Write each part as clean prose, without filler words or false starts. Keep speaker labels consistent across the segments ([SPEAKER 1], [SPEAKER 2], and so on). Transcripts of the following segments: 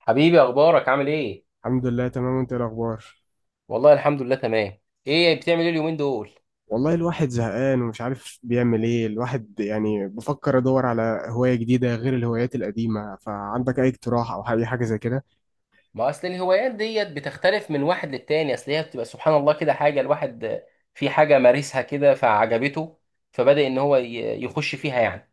[SPEAKER 1] حبيبي، اخبارك عامل ايه؟
[SPEAKER 2] الحمد لله، تمام. وانت ايه الاخبار؟
[SPEAKER 1] والله الحمد لله تمام. ايه بتعمل ايه اليومين دول؟
[SPEAKER 2] والله الواحد زهقان ومش عارف بيعمل ايه الواحد، يعني بفكر ادور على هواية جديدة غير الهوايات القديمة، فعندك اي اقتراح او اي حاجة زي كده؟
[SPEAKER 1] ما اصل الهوايات ديت بتختلف من واحد للتاني، اصل هي بتبقى سبحان الله كده حاجه الواحد في حاجه مارسها كده فعجبته، فبدأ ان هو يخش فيها يعني.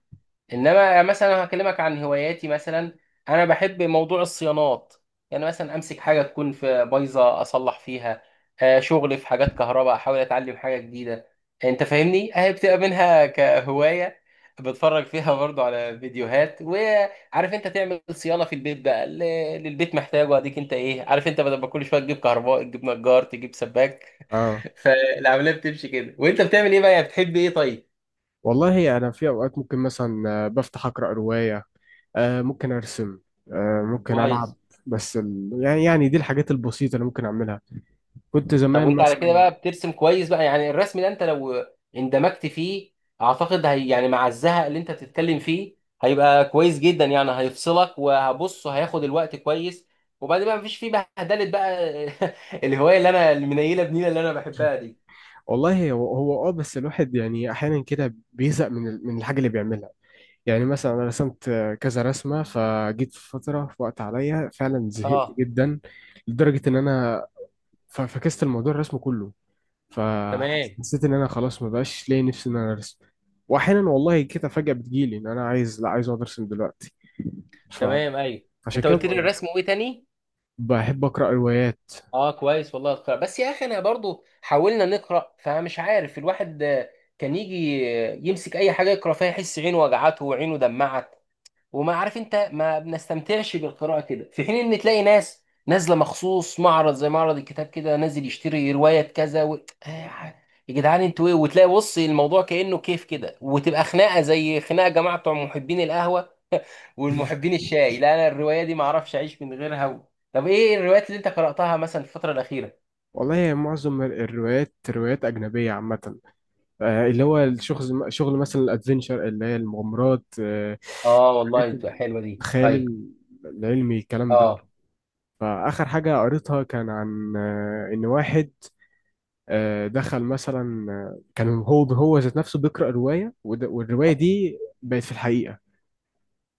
[SPEAKER 1] انما مثلا لو هكلمك عن هواياتي مثلا، انا بحب موضوع الصيانات. يعني مثلا امسك حاجه تكون في بايظه اصلح فيها، شغل في حاجات كهرباء، احاول اتعلم حاجه جديده. انت فاهمني اهي بتبقى منها كهوايه، بتفرج فيها برضو على فيديوهات. وعارف انت تعمل صيانه في البيت بقى اللي البيت محتاجه، اديك انت ايه، عارف انت، بدل ما كل شويه تجيب كهرباء تجيب نجار تجيب سباك.
[SPEAKER 2] اه
[SPEAKER 1] فالعمليه بتمشي كده. وانت بتعمل ايه بقى يعني؟ بتحب ايه؟ طيب،
[SPEAKER 2] والله انا في اوقات ممكن مثلا بفتح اقرا رواية. ممكن ارسم. ممكن العب.
[SPEAKER 1] كويس.
[SPEAKER 2] بس يعني دي الحاجات البسيطة اللي ممكن اعملها. كنت
[SPEAKER 1] طب
[SPEAKER 2] زمان
[SPEAKER 1] وانت على
[SPEAKER 2] مثلا.
[SPEAKER 1] كده بقى بترسم كويس بقى، يعني الرسم ده انت لو اندمجت فيه، اعتقد هي يعني مع الزهق اللي انت بتتكلم فيه، هيبقى كويس جدا. يعني هيفصلك وهبص هياخد الوقت كويس، وبعدين بقى مفيش فيه بهدله بقى. الهوايه اللي انا المنيله بنيله اللي انا بحبها دي.
[SPEAKER 2] والله هو بس الواحد، يعني احيانا كده بيزهق من الحاجة اللي بيعملها. يعني مثلا أنا رسمت كذا رسمة، فجيت في فترة في وقت عليا فعلا زهقت
[SPEAKER 1] اه
[SPEAKER 2] جدا، لدرجة إن أنا فكست الموضوع الرسم كله.
[SPEAKER 1] تمام.
[SPEAKER 2] فحسيت إن أنا خلاص ما بقاش لاقي نفسي إن أنا أرسم. وأحيانا والله كده فجأة بتجيلي إن أنا عايز لا عايز أقعد أرسم دلوقتي.
[SPEAKER 1] تمام،
[SPEAKER 2] فعشان
[SPEAKER 1] ايوه. انت
[SPEAKER 2] كده
[SPEAKER 1] قلت لي الرسم، وايه تاني؟
[SPEAKER 2] بحب أقرأ روايات.
[SPEAKER 1] اه كويس. والله القراءة بس يا اخي، انا برضو حاولنا نقرا فمش عارف الواحد، كان يجي يمسك اي حاجه يقرا فيها يحس عينه وجعته وعينه دمعت. وما عارف انت، ما بنستمتعش بالقراءه كده، في حين ان تلاقي ناس نازله مخصوص معرض زي معرض الكتاب كده، نازل يشتري روايه كذا آه، يا جدعان انتوا ايه. وتلاقي بص الموضوع كانه كيف كده، وتبقى خناقه زي خناقه جماعه بتوع محبين القهوه والمحبين الشاي. لا انا الروايه دي ما اعرفش اعيش من غيرها طب ايه الروايات اللي انت قراتها مثلا في الفتره الاخيره؟
[SPEAKER 2] والله معظم الروايات روايات أجنبية عامة. اللي هو شغل مثلا الأدفنشر اللي هي المغامرات.
[SPEAKER 1] اه
[SPEAKER 2] الحاجات،
[SPEAKER 1] والله بتبقى حلوه دي، اي.
[SPEAKER 2] الخيال العلمي، الكلام ده.
[SPEAKER 1] اه
[SPEAKER 2] فآخر حاجة قريتها كان عن إن واحد دخل مثلا، كان هو هو ذات نفسه بيقرأ رواية، والرواية دي بقت في الحقيقة.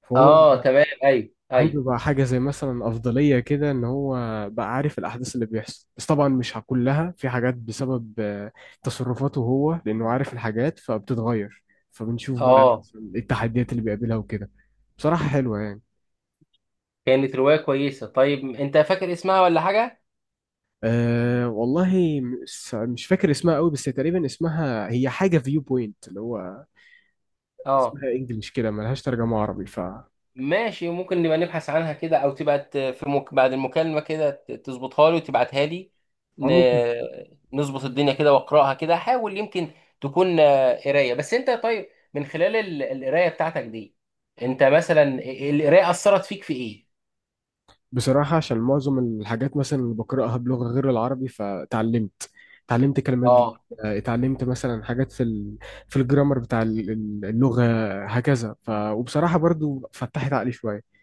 [SPEAKER 2] فهو
[SPEAKER 1] اه تمام، اي
[SPEAKER 2] عنده
[SPEAKER 1] اي.
[SPEAKER 2] بقى حاجة زي مثلا أفضلية كده، إن هو بقى عارف الأحداث اللي بيحصل، بس طبعا مش كلها، في حاجات بسبب تصرفاته هو، لأنه عارف الحاجات فبتتغير. فبنشوف بقى
[SPEAKER 1] اه
[SPEAKER 2] التحديات اللي بيقابلها وكده. بصراحة حلوة يعني.
[SPEAKER 1] كانت روايه كويسه. طيب انت فاكر اسمها ولا حاجه؟
[SPEAKER 2] أه والله مش فاكر اسمها قوي، بس تقريبا اسمها هي حاجة فيو بوينت اللي هو
[SPEAKER 1] اه
[SPEAKER 2] اسمها انجلش كده، ملهاش ترجمة عربي. ف
[SPEAKER 1] ماشي، ممكن نبقى نبحث عنها كده، او تبعت بعد المكالمة كده تظبطها لي وتبعتها لي.
[SPEAKER 2] أو
[SPEAKER 1] ن...
[SPEAKER 2] ممكن.
[SPEAKER 1] نظبط الدنيا كده واقراها كده، حاول يمكن تكون قراية. بس انت طيب، من خلال القراية بتاعتك دي، انت مثلا القراية أثرت فيك في ايه؟
[SPEAKER 2] بصراحة عشان معظم الحاجات مثلا اللي بقرأها بلغة غير العربي، فتعلمت. اتعلمت كلمات جديدة.
[SPEAKER 1] اه
[SPEAKER 2] اتعلمت مثلا حاجات في الجرامر بتاع اللغة، هكذا. وبصراحة برضو فتحت عقلي شوية.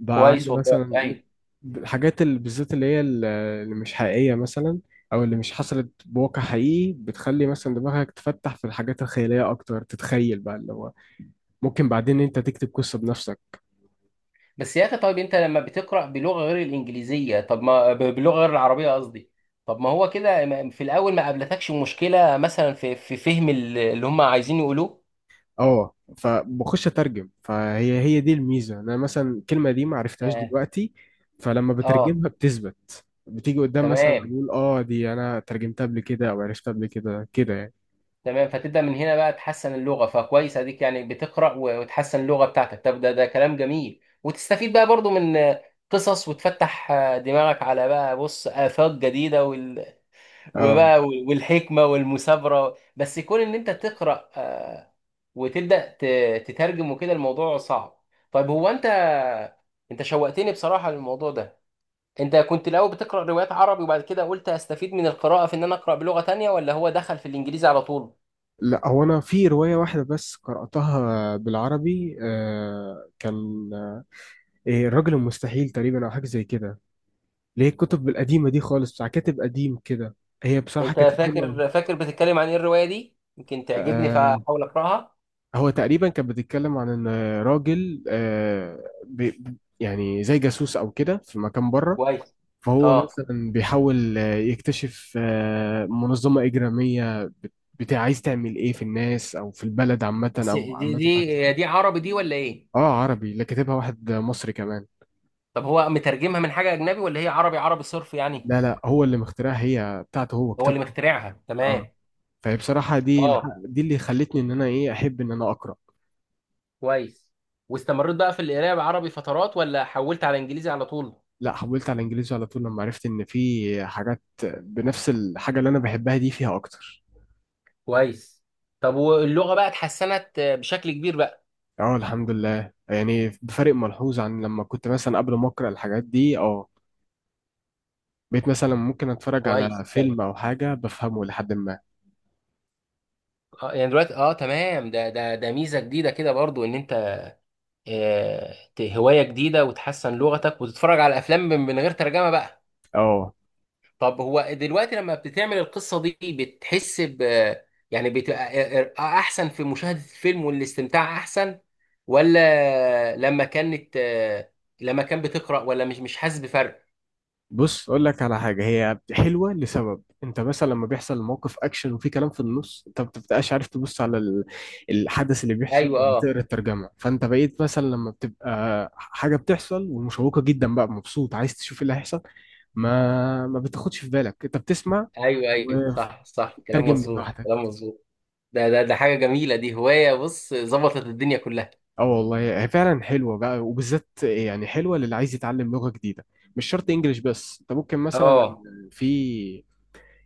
[SPEAKER 2] بقى عندي
[SPEAKER 1] كويس
[SPEAKER 2] مثلا
[SPEAKER 1] والله، ايوه.
[SPEAKER 2] الحاجات اللي بالذات اللي هي اللي مش حقيقية مثلا، أو اللي مش حصلت بواقع حقيقي، بتخلي مثلا دماغك تفتح في الحاجات الخيالية أكتر، تتخيل بقى اللي هو ممكن بعدين أنت تكتب قصة بنفسك.
[SPEAKER 1] بس يا اخي طيب، انت لما بتقرأ بلغة غير الانجليزية، طب ما بلغة غير العربية قصدي، طب ما هو كده في الاول ما قابلتكش مشكلة مثلا في في فهم اللي هم عايزين يقولوه؟
[SPEAKER 2] أه، فبخش أترجم، فهي دي الميزة. أنا مثلا الكلمة دي ما عرفتهاش
[SPEAKER 1] ياه.
[SPEAKER 2] دلوقتي، فلما
[SPEAKER 1] اه
[SPEAKER 2] بترجمها بتثبت، بتيجي قدام مثلا
[SPEAKER 1] تمام،
[SPEAKER 2] أقول أه دي أنا ترجمتها قبل كده أو عرفتها قبل كده، كده يعني.
[SPEAKER 1] تمام. فتبدأ من هنا بقى تحسن اللغة، فكويس، اديك يعني بتقرأ وتحسن اللغة بتاعتك. طب ده ده كلام جميل، وتستفيد بقى برضو من قصص، وتفتح دماغك على بقى بص آفاق جديدة
[SPEAKER 2] أه،
[SPEAKER 1] وبقى والحكمة والمثابرة. بس يكون ان انت تقرأ وتبدأ تترجم وكده الموضوع صعب. طيب هو انت، انت شوقتني بصراحة للموضوع ده. انت كنت الاول بتقرا روايات عربي، وبعد كده قلت هستفيد من القراءه في ان انا اقرا بلغه تانية، ولا هو دخل في الانجليزي على طول؟
[SPEAKER 2] لا، هو انا في روايه واحده بس قراتها بالعربي، كان إيه، الرجل المستحيل تقريبا، او حاجه زي كده، اللي هي الكتب القديمه دي خالص، بتاع كاتب قديم كده. هي بصراحه
[SPEAKER 1] انت
[SPEAKER 2] كانت حلوه أوي.
[SPEAKER 1] فاكر، فاكر بتتكلم عن ايه الروايه دي؟ يمكن تعجبني
[SPEAKER 2] آه.
[SPEAKER 1] فاحاول اقراها.
[SPEAKER 2] هو تقريبا كان بيتكلم عن ان راجل بي يعني زي جاسوس او كده في مكان بره.
[SPEAKER 1] كويس.
[SPEAKER 2] فهو
[SPEAKER 1] اه
[SPEAKER 2] مثلا بيحاول يكتشف منظمه اجراميه بتاع عايز تعمل ايه في الناس او في البلد عامه او
[SPEAKER 1] دي
[SPEAKER 2] عامه في حاجه.
[SPEAKER 1] دي دي عربي دي ولا ايه؟
[SPEAKER 2] اه، عربي، اللي كاتبها واحد مصري كمان.
[SPEAKER 1] طب هو مترجمها من حاجه اجنبي، ولا هي عربي عربي صرف يعني؟
[SPEAKER 2] لا، لا، هو اللي مخترعها، هي بتاعته هو،
[SPEAKER 1] هو
[SPEAKER 2] كتاب.
[SPEAKER 1] اللي مخترعها،
[SPEAKER 2] اه،
[SPEAKER 1] تمام.
[SPEAKER 2] فهي بصراحة دي
[SPEAKER 1] اه
[SPEAKER 2] دي اللي خلتني ان انا ايه احب ان انا اقرا.
[SPEAKER 1] كويس. واستمريت بقى في القراءه بعربي فترات، ولا حولت على انجليزي على طول؟
[SPEAKER 2] لا، حولت على انجليزي على طول لما عرفت ان في حاجات بنفس الحاجة اللي انا بحبها دي فيها اكتر.
[SPEAKER 1] كويس. طب واللغه بقى اتحسنت بشكل كبير بقى؟
[SPEAKER 2] اه، الحمد لله، يعني بفرق ملحوظ عن لما كنت مثلا قبل ما اقرا الحاجات دي. اه، بقيت مثلا ممكن اتفرج على
[SPEAKER 1] كويس كويس.
[SPEAKER 2] فيلم او حاجة بفهمه لحد ما.
[SPEAKER 1] اه يعني دلوقتي، اه تمام. ده ميزه جديده كده برضو، ان انت آه هوايه جديده وتحسن لغتك وتتفرج على افلام من من غير ترجمه بقى.
[SPEAKER 2] اه،
[SPEAKER 1] طب هو دلوقتي لما بتعمل القصه دي بتحس ب، يعني بتبقى احسن في مشاهده الفيلم والاستمتاع احسن، ولا لما كانت آه لما كان بتقرا، ولا مش حاسس بفرق؟
[SPEAKER 2] بص اقول لك على حاجه هي حلوه لسبب. انت مثلا لما بيحصل موقف اكشن وفي كلام في النص، انت ما بتبقاش عارف تبص على الحدث اللي بيحصل،
[SPEAKER 1] ايوه
[SPEAKER 2] ولا
[SPEAKER 1] اه.
[SPEAKER 2] تقرا الترجمه. فانت بقيت مثلا لما بتبقى حاجه بتحصل ومشوقه جدا بقى، مبسوط عايز تشوف إيه اللي هيحصل، ما بتاخدش في بالك، انت بتسمع
[SPEAKER 1] ايوه ايوه، صح صح، كلام
[SPEAKER 2] وتترجم من
[SPEAKER 1] مظبوط،
[SPEAKER 2] لوحدك.
[SPEAKER 1] كلام مظبوط. ده حاجه جميله، دي هوايه بص ظبطت الدنيا كلها.
[SPEAKER 2] اه، والله هي فعلا حلوه بقى، وبالذات يعني حلوه للي عايز يتعلم لغه جديده. مش شرط انجليش، بس انت ممكن مثلا
[SPEAKER 1] اه
[SPEAKER 2] في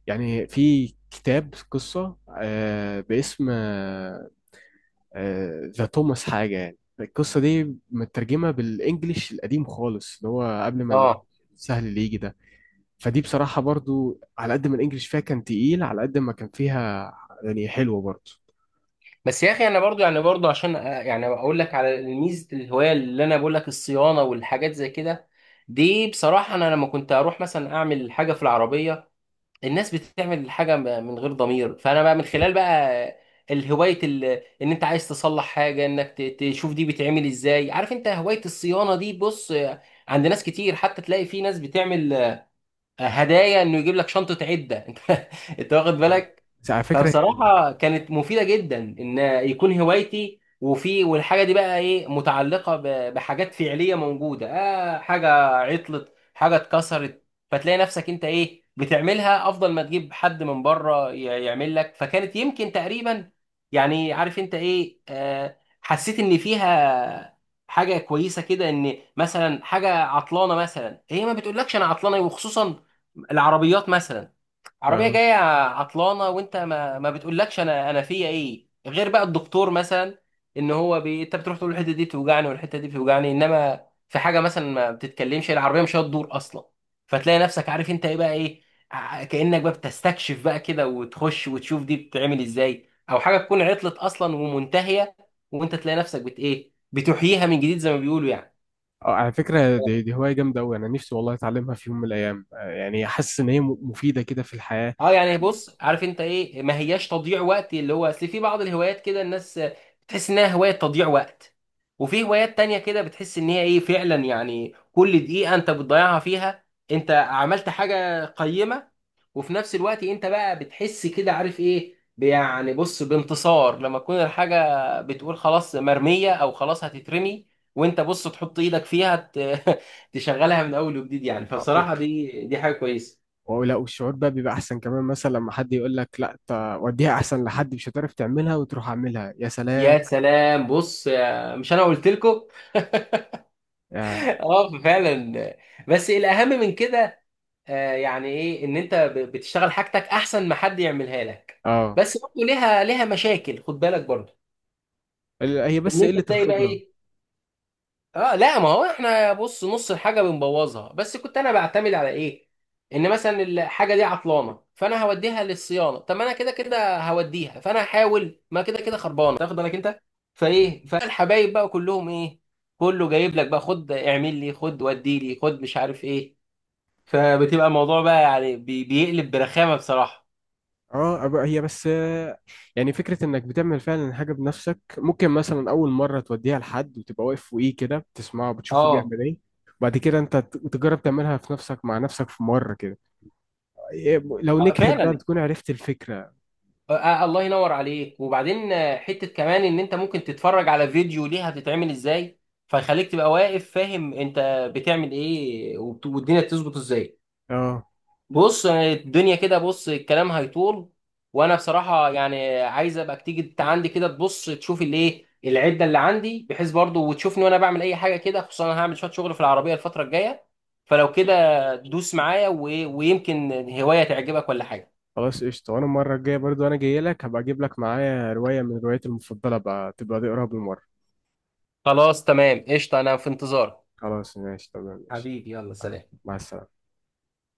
[SPEAKER 2] يعني في كتاب قصة باسم ذا توماس حاجة، يعني القصة دي مترجمة بالإنجليش القديم خالص، اللي هو قبل ما
[SPEAKER 1] اه.
[SPEAKER 2] السهل اللي يجي ده. فدي بصراحة برضو على قد ما الإنجليش فيها كان تقيل، على قد ما كان فيها يعني حلوة برضو.
[SPEAKER 1] بس يا اخي انا برضو يعني برضو عشان يعني اقول لك على ميزه الهوايه اللي انا بقول لك، الصيانه والحاجات زي كده. دي بصراحه انا لما كنت اروح مثلا اعمل حاجه في العربيه، الناس بتعمل الحاجه من غير ضمير. فانا بقى من خلال بقى الهوايه ال- ان انت عايز تصلح حاجه، انك تشوف دي بتعمل ازاي. عارف انت هوايه الصيانه دي بص عند ناس كتير، حتى تلاقي في ناس بتعمل هدايا انه يجيب لك شنطه عده. انت، انت واخد
[SPEAKER 2] اه،
[SPEAKER 1] بالك؟
[SPEAKER 2] بس على فكرة.
[SPEAKER 1] فبصراحة كانت مفيدة جدا، ان يكون هوايتي. وفي والحاجة دي بقى ايه متعلقة بحاجات فعلية موجودة، آه حاجة عطلت، حاجة اتكسرت، فتلاقي نفسك انت ايه بتعملها افضل ما تجيب حد من بره يعمل لك. فكانت يمكن تقريبا يعني عارف انت ايه، آه حسيت ان فيها حاجة كويسة كده. ان مثلا حاجة عطلانة مثلا، هي ما بتقولكش انا عطلانة، وخصوصا العربيات مثلا، عربيه
[SPEAKER 2] اه،
[SPEAKER 1] جايه عطلانه، وانت ما بتقولكش انا فيا ايه، غير بقى الدكتور مثلا، ان هو انت بتروح تقول الحته دي بتوجعني والحته دي بتوجعني. انما في حاجه مثلا ما بتتكلمش، العربيه مش هتدور اصلا. فتلاقي نفسك عارف انت ايه بقى ايه، كانك بقى بتستكشف بقى كده، وتخش وتشوف دي بتتعمل ازاي، او حاجه تكون عطلت اصلا ومنتهيه وانت تلاقي نفسك بت ايه بتحييها من جديد، زي ما بيقولوا يعني.
[SPEAKER 2] على فكرة دي هواية جامدة أوي، أنا نفسي والله أتعلمها في يوم من الأيام. يعني حاسس إن هي مفيدة كده في الحياة.
[SPEAKER 1] اه يعني بص عارف انت ايه، ما هياش تضييع وقت. اللي هو اصل في بعض الهوايات كده الناس بتحس انها هواية تضييع وقت، وفي هوايات تانية كده بتحس ان هي ايه فعلا، يعني كل دقيقة انت بتضيعها فيها انت عملت حاجة قيمة. وفي نفس الوقت انت بقى بتحس كده عارف ايه يعني بص بانتصار، لما تكون الحاجة بتقول خلاص مرمية او خلاص هتترمي، وانت بص تحط ايدك فيها تشغلها من اول وجديد يعني.
[SPEAKER 2] آه،
[SPEAKER 1] فبصراحة دي حاجة كويسة.
[SPEAKER 2] ولا والشعور بقى بيبقى احسن كمان، مثلا لما حد يقول لك لا وديها احسن لحد مش هتعرف تعملها، وتروح اعملها، يا سلام.
[SPEAKER 1] يا سلام، بص مش انا قلت لكم؟
[SPEAKER 2] يا-
[SPEAKER 1] اه فعلا. بس الاهم من كده يعني ايه، ان انت بتشتغل حاجتك احسن ما حد يعملها لك.
[SPEAKER 2] اه،
[SPEAKER 1] بس برضه ليها مشاكل، خد بالك برضه،
[SPEAKER 2] هي
[SPEAKER 1] ان
[SPEAKER 2] بس
[SPEAKER 1] انت
[SPEAKER 2] قلة
[SPEAKER 1] تلاقي بقى
[SPEAKER 2] الخبرة.
[SPEAKER 1] ايه. اه لا، ما هو احنا بص نص الحاجه بنبوظها. بس كنت انا بعتمد على ايه، ان مثلا الحاجه دي عطلانه، فانا هوديها للصيانه، طب ما انا كده كده هوديها، فانا هحاول ما كده كده خربانه، تاخد بالك انت؟ فايه، فالحبايب بقى كلهم ايه، كله جايب لك بقى، خد اعمل لي، خد ودي لي، خد مش عارف ايه. فبتبقى الموضوع بقى يعني بيقلب برخامه بصراحه.
[SPEAKER 2] اه، هي بس يعني فكرة انك بتعمل فعلا حاجة بنفسك. ممكن مثلا اول مرة توديها لحد وتبقى واقف فوقيه كده بتسمعه بتشوفه
[SPEAKER 1] اه
[SPEAKER 2] بيعمل ايه، وبعد كده انت تجرب تعملها في نفسك، مع نفسك في مرة كده. إيه، لو
[SPEAKER 1] آه،
[SPEAKER 2] نجحت بقى
[SPEAKER 1] فعلا.
[SPEAKER 2] بتكون عرفت الفكرة.
[SPEAKER 1] آه، آه، الله ينور عليك. وبعدين آه، حتة كمان ان انت ممكن تتفرج على فيديو ليها بتتعمل ازاي، فيخليك تبقى واقف فاهم انت بتعمل ايه، والدنيا تظبط ازاي.
[SPEAKER 2] اه،
[SPEAKER 1] بص آه، الدنيا كده بص الكلام هيطول. وانا بصراحة يعني عايز ابقى تيجي انت عندي كده، تبص تشوف الايه العدة اللي عندي، بحيث برضو وتشوفني وانا بعمل اي حاجة كده، خصوصا انا هعمل شوية شغل في العربية الفترة الجاية. فلو كده دوس معايا ويمكن هواية تعجبك ولا حاجة.
[SPEAKER 2] خلاص قشطة. وأنا المرة الجاية برضو أنا جاي لك، هبقى أجيب لك معايا رواية من رواياتي المفضلة بقى، تبقى تقراها بالمرة.
[SPEAKER 1] خلاص تمام قشطة، انا في انتظارك.
[SPEAKER 2] خلاص ماشي، تمام، ماشي.
[SPEAKER 1] حبيبي يلا
[SPEAKER 2] أنا
[SPEAKER 1] سلام.
[SPEAKER 2] مع السلامة.